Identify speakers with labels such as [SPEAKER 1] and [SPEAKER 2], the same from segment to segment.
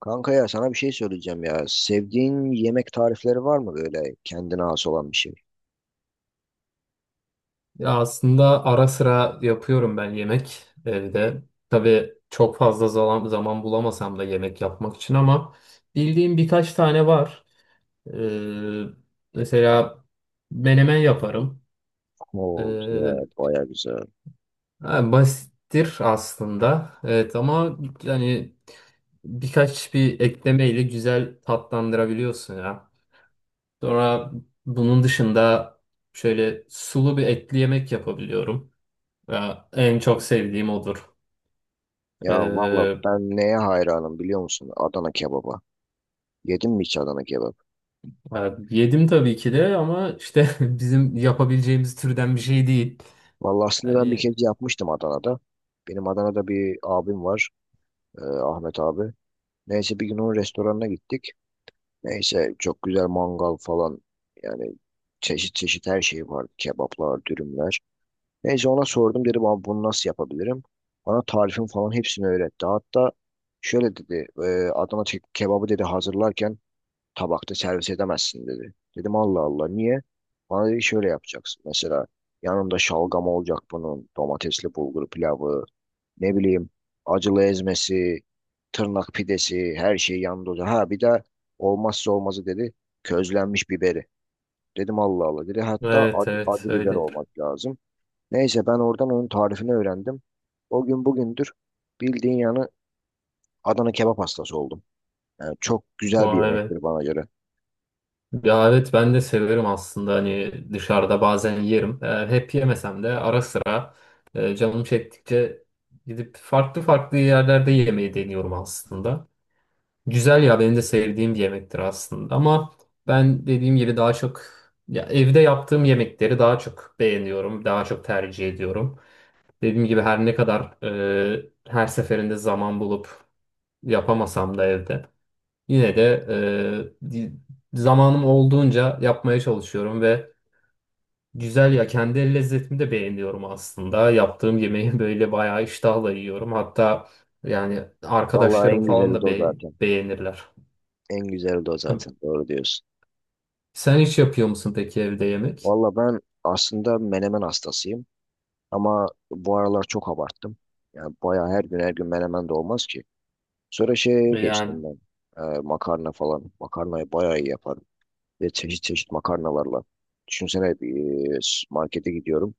[SPEAKER 1] Kanka ya sana bir şey söyleyeceğim ya. Sevdiğin yemek tarifleri var mı böyle kendine has olan bir şey?
[SPEAKER 2] Ya aslında ara sıra yapıyorum ben yemek evde. Tabii çok fazla zaman bulamasam da yemek yapmak için, ama bildiğim birkaç tane var. Ee, Mesela menemen yaparım. Ee,
[SPEAKER 1] Oo güzel, baya güzel.
[SPEAKER 2] ha, Basittir aslında. Evet ama yani birkaç bir eklemeyle güzel tatlandırabiliyorsun ya. Sonra bunun dışında şöyle sulu bir etli yemek yapabiliyorum. Ya, en çok sevdiğim odur.
[SPEAKER 1] Ya valla
[SPEAKER 2] Ee,
[SPEAKER 1] ben neye hayranım biliyor musun? Adana kebaba. Yedin mi hiç Adana kebap?
[SPEAKER 2] Yedim tabii ki de ama işte bizim yapabileceğimiz türden bir şey değil.
[SPEAKER 1] Valla aslında ben bir kez
[SPEAKER 2] Yani
[SPEAKER 1] yapmıştım Adana'da. Benim Adana'da bir abim var. Ahmet abi. Neyse bir gün onun restoranına gittik. Neyse çok güzel mangal falan. Yani çeşit çeşit her şey vardı. Kebaplar, dürümler. Neyse ona sordum, dedim abi bunu nasıl yapabilirim? Bana tarifin falan hepsini öğretti. Hatta şöyle dedi, kebabı dedi hazırlarken tabakta servis edemezsin dedi. Dedim Allah Allah niye? Bana dedi şöyle yapacaksın. Mesela yanında şalgam olacak, bunun domatesli bulgur pilavı, ne bileyim, acılı ezmesi, tırnak pidesi, her şey yanında olacak. Ha bir de olmazsa olmazı dedi, közlenmiş biberi. Dedim Allah Allah, dedi hatta
[SPEAKER 2] evet
[SPEAKER 1] acı,
[SPEAKER 2] evet
[SPEAKER 1] acı biber
[SPEAKER 2] öyledir.
[SPEAKER 1] olmak lazım. Neyse ben oradan onun tarifini öğrendim. O gün bugündür bildiğin yani Adana kebap hastası oldum. Yani çok güzel bir
[SPEAKER 2] Vay be.
[SPEAKER 1] yemektir bana göre.
[SPEAKER 2] Ya evet, ben de severim aslında, hani dışarıda bazen yerim. Hep yemesem de, ara sıra canım çektikçe gidip farklı farklı yerlerde yemeyi deniyorum aslında. Güzel ya, benim de sevdiğim bir yemektir aslında, ama ben dediğim gibi daha çok ya evde yaptığım yemekleri daha çok beğeniyorum, daha çok tercih ediyorum. Dediğim gibi, her ne kadar her seferinde zaman bulup yapamasam da evde, yine de e, di- zamanım olduğunca yapmaya çalışıyorum ve güzel ya, kendi el lezzetimi de beğeniyorum aslında. Yaptığım yemeği böyle bayağı iştahla yiyorum. Hatta yani
[SPEAKER 1] Vallahi
[SPEAKER 2] arkadaşlarım
[SPEAKER 1] en
[SPEAKER 2] falan
[SPEAKER 1] güzeli de
[SPEAKER 2] da
[SPEAKER 1] o zaten.
[SPEAKER 2] beğenirler.
[SPEAKER 1] En güzeli de o zaten. Doğru diyorsun.
[SPEAKER 2] Sen hiç yapıyor musun peki evde yemek?
[SPEAKER 1] Vallahi ben aslında menemen hastasıyım. Ama bu aralar çok abarttım. Yani bayağı her gün her gün menemen de olmaz ki. Sonra şeye
[SPEAKER 2] Yani
[SPEAKER 1] geçtim ben. Makarna falan. Makarnayı bayağı iyi yaparım. Ve çeşit çeşit makarnalarla. Düşünsene, markete gidiyorum.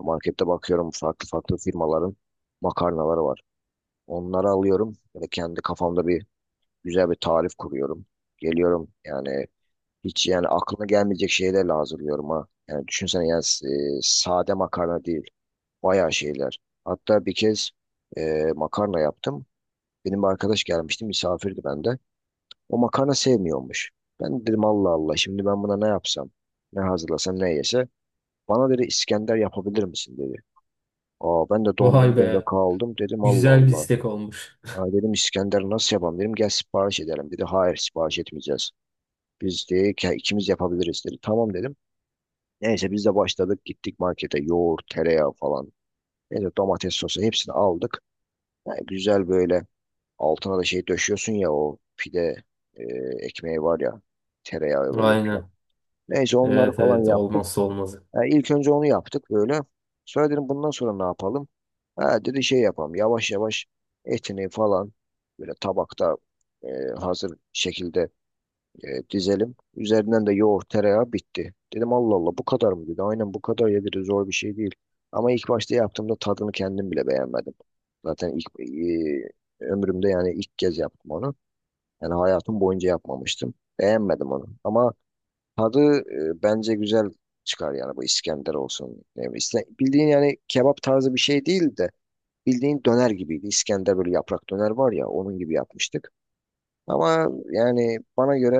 [SPEAKER 1] Markette bakıyorum, farklı farklı firmaların makarnaları var. Onları alıyorum ve kendi kafamda bir güzel bir tarif kuruyorum. Geliyorum, yani hiç yani aklına gelmeyecek şeylerle hazırlıyorum ha. Yani düşünsene, yani sade makarna değil. Bayağı şeyler. Hatta bir kez makarna yaptım. Benim bir arkadaş gelmişti, misafirdi bende. O makarna sevmiyormuş. Ben dedim Allah Allah, şimdi ben buna ne yapsam? Ne hazırlasam, ne yese? Bana dedi İskender yapabilir misin dedi. Aa, ben de
[SPEAKER 2] vay
[SPEAKER 1] dondum böyle
[SPEAKER 2] be,
[SPEAKER 1] kaldım, dedim Allah
[SPEAKER 2] güzel bir
[SPEAKER 1] Allah.
[SPEAKER 2] istek olmuş.
[SPEAKER 1] Ha, dedim İskender nasıl yapalım, dedim gel sipariş edelim dedi. Hayır sipariş etmeyeceğiz. Biz de ikimiz yapabiliriz dedi. Tamam dedim. Neyse biz de başladık, gittik markete, yoğurt, tereyağı falan. Neyse domates sosu hepsini aldık. Ha, güzel böyle altına da şey döşüyorsun ya, o pide e, ekmeği var ya, tereyağıyla yumuşak.
[SPEAKER 2] Aynen.
[SPEAKER 1] Neyse onları
[SPEAKER 2] Evet
[SPEAKER 1] falan
[SPEAKER 2] evet,
[SPEAKER 1] yaptık.
[SPEAKER 2] olmazsa olmazı.
[SPEAKER 1] E, ilk önce onu yaptık böyle. Sonra dedim bundan sonra ne yapalım? Ha, dedi şey yapalım. Yavaş yavaş etini falan böyle tabakta, e, hazır şekilde, dizelim. Üzerinden de yoğurt, tereyağı bitti. Dedim Allah Allah bu kadar mı, dedi. Aynen bu kadar ya dedi. Zor bir şey değil. Ama ilk başta yaptığımda tadını kendim bile beğenmedim. Zaten ilk, ömrümde yani ilk kez yaptım onu. Yani hayatım boyunca yapmamıştım. Beğenmedim onu. Ama tadı bence güzel çıkar yani, bu İskender olsun. Ne bileyim, bildiğin yani kebap tarzı bir şey değil de bildiğin döner gibiydi. İskender böyle yaprak döner var ya, onun gibi yapmıştık. Ama yani bana göre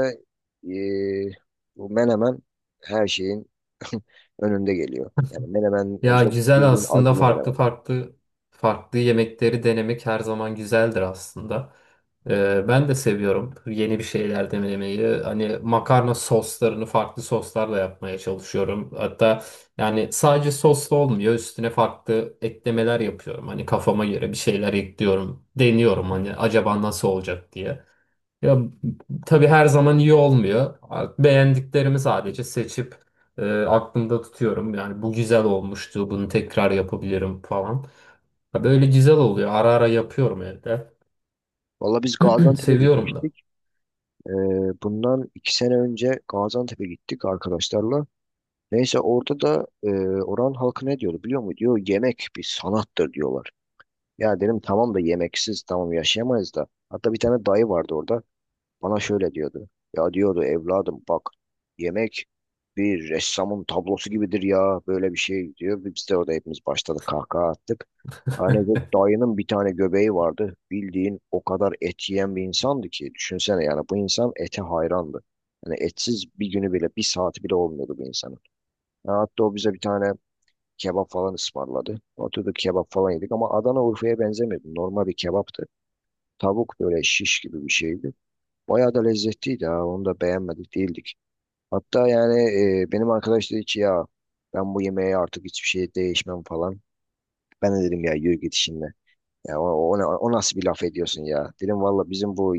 [SPEAKER 1] e, bu menemen her şeyin önünde geliyor. Yani menemen
[SPEAKER 2] Ya
[SPEAKER 1] özde
[SPEAKER 2] güzel,
[SPEAKER 1] bildiğin
[SPEAKER 2] aslında
[SPEAKER 1] acılı
[SPEAKER 2] farklı
[SPEAKER 1] menemen.
[SPEAKER 2] farklı yemekleri denemek her zaman güzeldir aslında. Ben de seviyorum yeni bir şeyler denemeyi. Hani makarna soslarını farklı soslarla yapmaya çalışıyorum. Hatta yani sadece soslu olmuyor. Üstüne farklı eklemeler yapıyorum. Hani kafama göre bir şeyler ekliyorum. Deniyorum, hani acaba nasıl olacak diye. Ya tabii her zaman iyi olmuyor. Beğendiklerimi sadece seçip aklımda tutuyorum. Yani bu güzel olmuştu, bunu tekrar yapabilirim falan. Ya böyle güzel oluyor. Ara ara yapıyorum evde.
[SPEAKER 1] Valla biz Gaziantep'e
[SPEAKER 2] Seviyorum da.
[SPEAKER 1] gitmiştik. E, bundan iki sene önce Gaziantep'e gittik arkadaşlarla. Neyse orada da oranın halkı ne diyordu biliyor musun? Diyor yemek bir sanattır diyorlar. Ya dedim tamam da yemeksiz tamam yaşayamayız da. Hatta bir tane dayı vardı orada. Bana şöyle diyordu. Ya diyordu, evladım bak, yemek bir ressamın tablosu gibidir ya, böyle bir şey diyor. Biz de orada hepimiz başladık kahkaha attık. Hani bu dayının bir tane göbeği vardı. Bildiğin o kadar et yiyen bir insandı ki. Düşünsene yani, bu insan ete hayrandı. Yani etsiz bir günü bile, bir saati bile olmuyordu bu insanın. Ya hatta o bize bir tane kebap falan ısmarladı. Oturduk kebap falan yedik ama Adana Urfa'ya benzemiyordu. Normal bir kebaptı. Tavuk böyle şiş gibi bir şeydi. Bayağı da lezzetliydi ha. Onu da beğenmedik değildik. Hatta yani, benim arkadaş dedi ki ya, ben bu yemeğe artık hiçbir şey değişmem falan. Ben de dedim ya yürü git şimdi. Ya o, O nasıl bir laf ediyorsun ya? Dedim valla bizim bu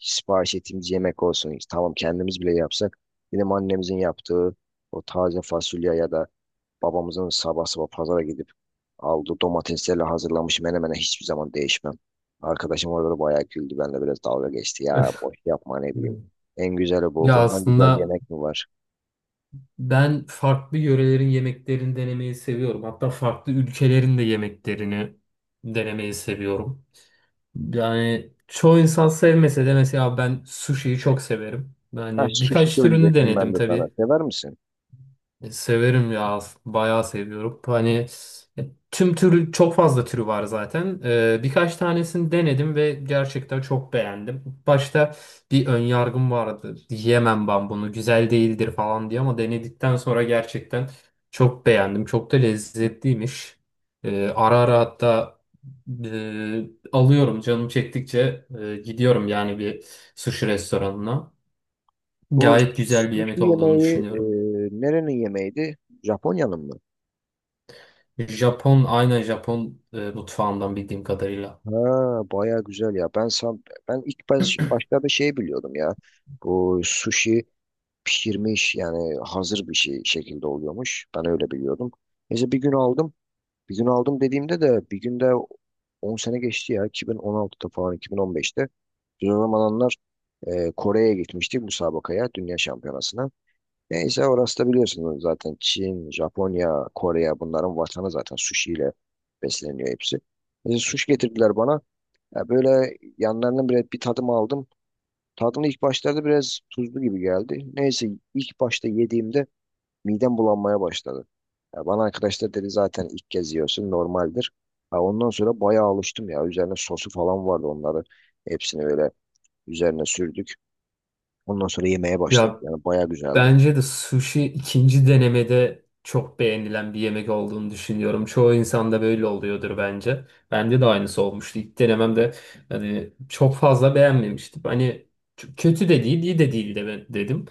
[SPEAKER 1] sipariş ettiğimiz yemek olsun. Tamam kendimiz bile yapsak. Dedim annemizin yaptığı o taze fasulye ya da babamızın sabah sabah pazara gidip aldığı domateslerle hazırlamış menemene hiçbir zaman değişmem. Arkadaşım orada da bayağı güldü. Benle biraz dalga geçti. Ya boş yapma, ne bileyim. En güzeli bu.
[SPEAKER 2] Ya
[SPEAKER 1] Bundan güzel
[SPEAKER 2] aslında
[SPEAKER 1] yemek mi var?
[SPEAKER 2] ben farklı yörelerin yemeklerini denemeyi seviyorum. Hatta farklı ülkelerin de yemeklerini denemeyi seviyorum. Yani çoğu insan sevmese de, mesela ben sushi'yi çok severim.
[SPEAKER 1] Ha
[SPEAKER 2] Yani
[SPEAKER 1] sushi
[SPEAKER 2] birkaç türünü
[SPEAKER 1] söyleyecektim ben
[SPEAKER 2] denedim
[SPEAKER 1] de sana.
[SPEAKER 2] tabii.
[SPEAKER 1] Sever misin?
[SPEAKER 2] Severim ya. Bayağı seviyorum. Hani e, tüm türü çok fazla türü var zaten. Birkaç tanesini denedim ve gerçekten çok beğendim. Başta bir ön yargım vardı. Yemem ben bunu, güzel değildir falan diye, ama denedikten sonra gerçekten çok beğendim. Çok da lezzetliymiş. Ara ara hatta alıyorum, canım çektikçe gidiyorum yani bir sushi restoranına.
[SPEAKER 1] Bu
[SPEAKER 2] Gayet güzel bir
[SPEAKER 1] sushi
[SPEAKER 2] yemek olduğunu
[SPEAKER 1] yemeği
[SPEAKER 2] düşünüyorum.
[SPEAKER 1] nerenin yemeğiydi? Japonya'nın mı?
[SPEAKER 2] Aynen Japon mutfağından, bildiğim kadarıyla.
[SPEAKER 1] Ha bayağı güzel ya. Ben başlarda şey biliyordum ya. Bu sushi pişirmiş yani hazır bir şey şekilde oluyormuş. Ben öyle biliyordum. Neyse bir gün aldım. Bir gün aldım dediğimde de, bir günde 10 sene geçti ya, 2016'da falan, 2015'te. Biz o zamanlar Kore'ye gitmiştik müsabakaya, dünya şampiyonasına. Neyse orası da biliyorsunuz zaten, Çin, Japonya, Kore, bunların vatanı zaten, sushi ile besleniyor hepsi. Neyse sushi getirdiler bana. Ya böyle yanlarının bile bir tadım aldım. Tadını ilk başlarda biraz tuzlu gibi geldi. Neyse ilk başta yediğimde midem bulanmaya başladı. Ya bana arkadaşlar dedi zaten ilk kez yiyorsun normaldir. Ha, ondan sonra bayağı alıştım ya. Üzerine sosu falan vardı onları. Hepsini böyle üzerine sürdük. Ondan sonra yemeye başladık.
[SPEAKER 2] Ya
[SPEAKER 1] Yani bayağı güzeldi.
[SPEAKER 2] bence de sushi ikinci denemede çok beğenilen bir yemek olduğunu düşünüyorum. Çoğu insanda böyle oluyordur bence. Bende de aynısı olmuştu. İlk denememde hani çok fazla beğenmemiştim. Hani çok kötü de değil, iyi de değil de dedim.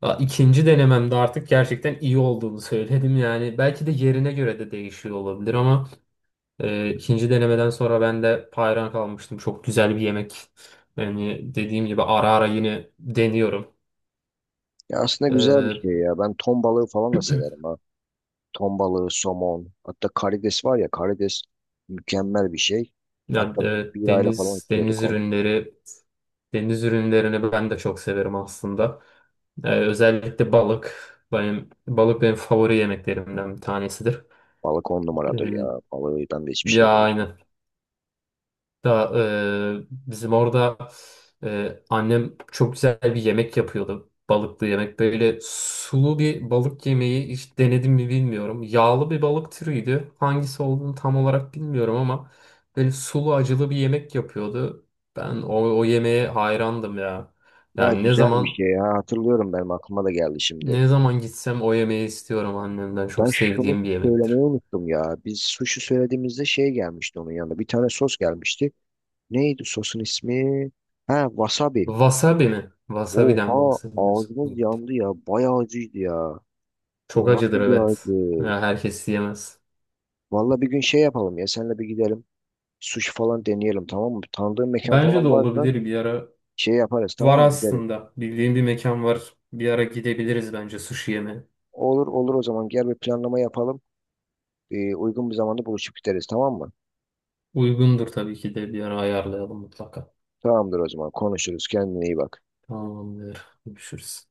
[SPEAKER 2] Ha, İkinci denememde artık gerçekten iyi olduğunu söyledim. Yani belki de yerine göre de değişiyor olabilir ama ikinci denemeden sonra ben de hayran kalmıştım. Çok güzel bir yemek. Yani dediğim gibi ara ara yine deniyorum.
[SPEAKER 1] Ya aslında güzel bir
[SPEAKER 2] Ee,
[SPEAKER 1] şey ya. Ben ton balığı falan da severim ha. Ton balığı, somon. Hatta karides var ya, karides mükemmel bir şey.
[SPEAKER 2] Ya,
[SPEAKER 1] Hatta biz birayla falan içiyorduk onu.
[SPEAKER 2] deniz ürünlerini ben de çok severim aslında. Özellikle balık. Benim favori yemeklerimden bir tanesidir.
[SPEAKER 1] Balık on numaradır
[SPEAKER 2] Ee,
[SPEAKER 1] ya. Balığından da hiçbir
[SPEAKER 2] Ya
[SPEAKER 1] şey demiştim.
[SPEAKER 2] aynen. Da bizim orada annem çok güzel bir yemek yapıyordu. Balıklı yemek. Böyle sulu bir balık yemeği hiç denedim mi bilmiyorum. Yağlı bir balık türüydü. Hangisi olduğunu tam olarak bilmiyorum, ama böyle sulu acılı bir yemek yapıyordu. Ben o yemeğe hayrandım ya.
[SPEAKER 1] Ya
[SPEAKER 2] Yani ne
[SPEAKER 1] güzel bir
[SPEAKER 2] zaman
[SPEAKER 1] şey ya. Hatırlıyorum, benim aklıma da geldi şimdi.
[SPEAKER 2] ne zaman gitsem o yemeği istiyorum annemden.
[SPEAKER 1] Ben
[SPEAKER 2] Çok
[SPEAKER 1] şunu
[SPEAKER 2] sevdiğim bir
[SPEAKER 1] söylemeyi
[SPEAKER 2] yemektir.
[SPEAKER 1] unuttum ya. Biz sushi söylediğimizde şey gelmişti onun yanında. Bir tane sos gelmişti. Neydi sosun ismi? Ha, wasabi.
[SPEAKER 2] Wasabi mi? Wasabi'den
[SPEAKER 1] Oha,
[SPEAKER 2] bahsediyorsun.
[SPEAKER 1] ağzımız yandı ya. Bayağı acıydı ya.
[SPEAKER 2] Çok
[SPEAKER 1] O
[SPEAKER 2] acıdır,
[SPEAKER 1] nasıl bir
[SPEAKER 2] evet.
[SPEAKER 1] acı?
[SPEAKER 2] Ya herkes yemez.
[SPEAKER 1] Valla bir gün şey yapalım ya. Seninle bir gidelim. Sushi falan deneyelim tamam mı? Tanıdığın mekan
[SPEAKER 2] Bence de
[SPEAKER 1] falan varsa
[SPEAKER 2] olabilir bir ara.
[SPEAKER 1] şey yaparız
[SPEAKER 2] Var
[SPEAKER 1] tamam mı? Gideriz.
[SPEAKER 2] aslında. Bildiğim bir mekan var. Bir ara gidebiliriz bence sushi yeme.
[SPEAKER 1] Olur olur, o zaman gel bir planlama yapalım. Uygun bir zamanda buluşup gideriz tamam mı?
[SPEAKER 2] Uygundur tabii ki de, bir ara ayarlayalım mutlaka.
[SPEAKER 1] Tamamdır, o zaman konuşuruz. Kendine iyi bak.
[SPEAKER 2] Tamamdır. Görüşürüz.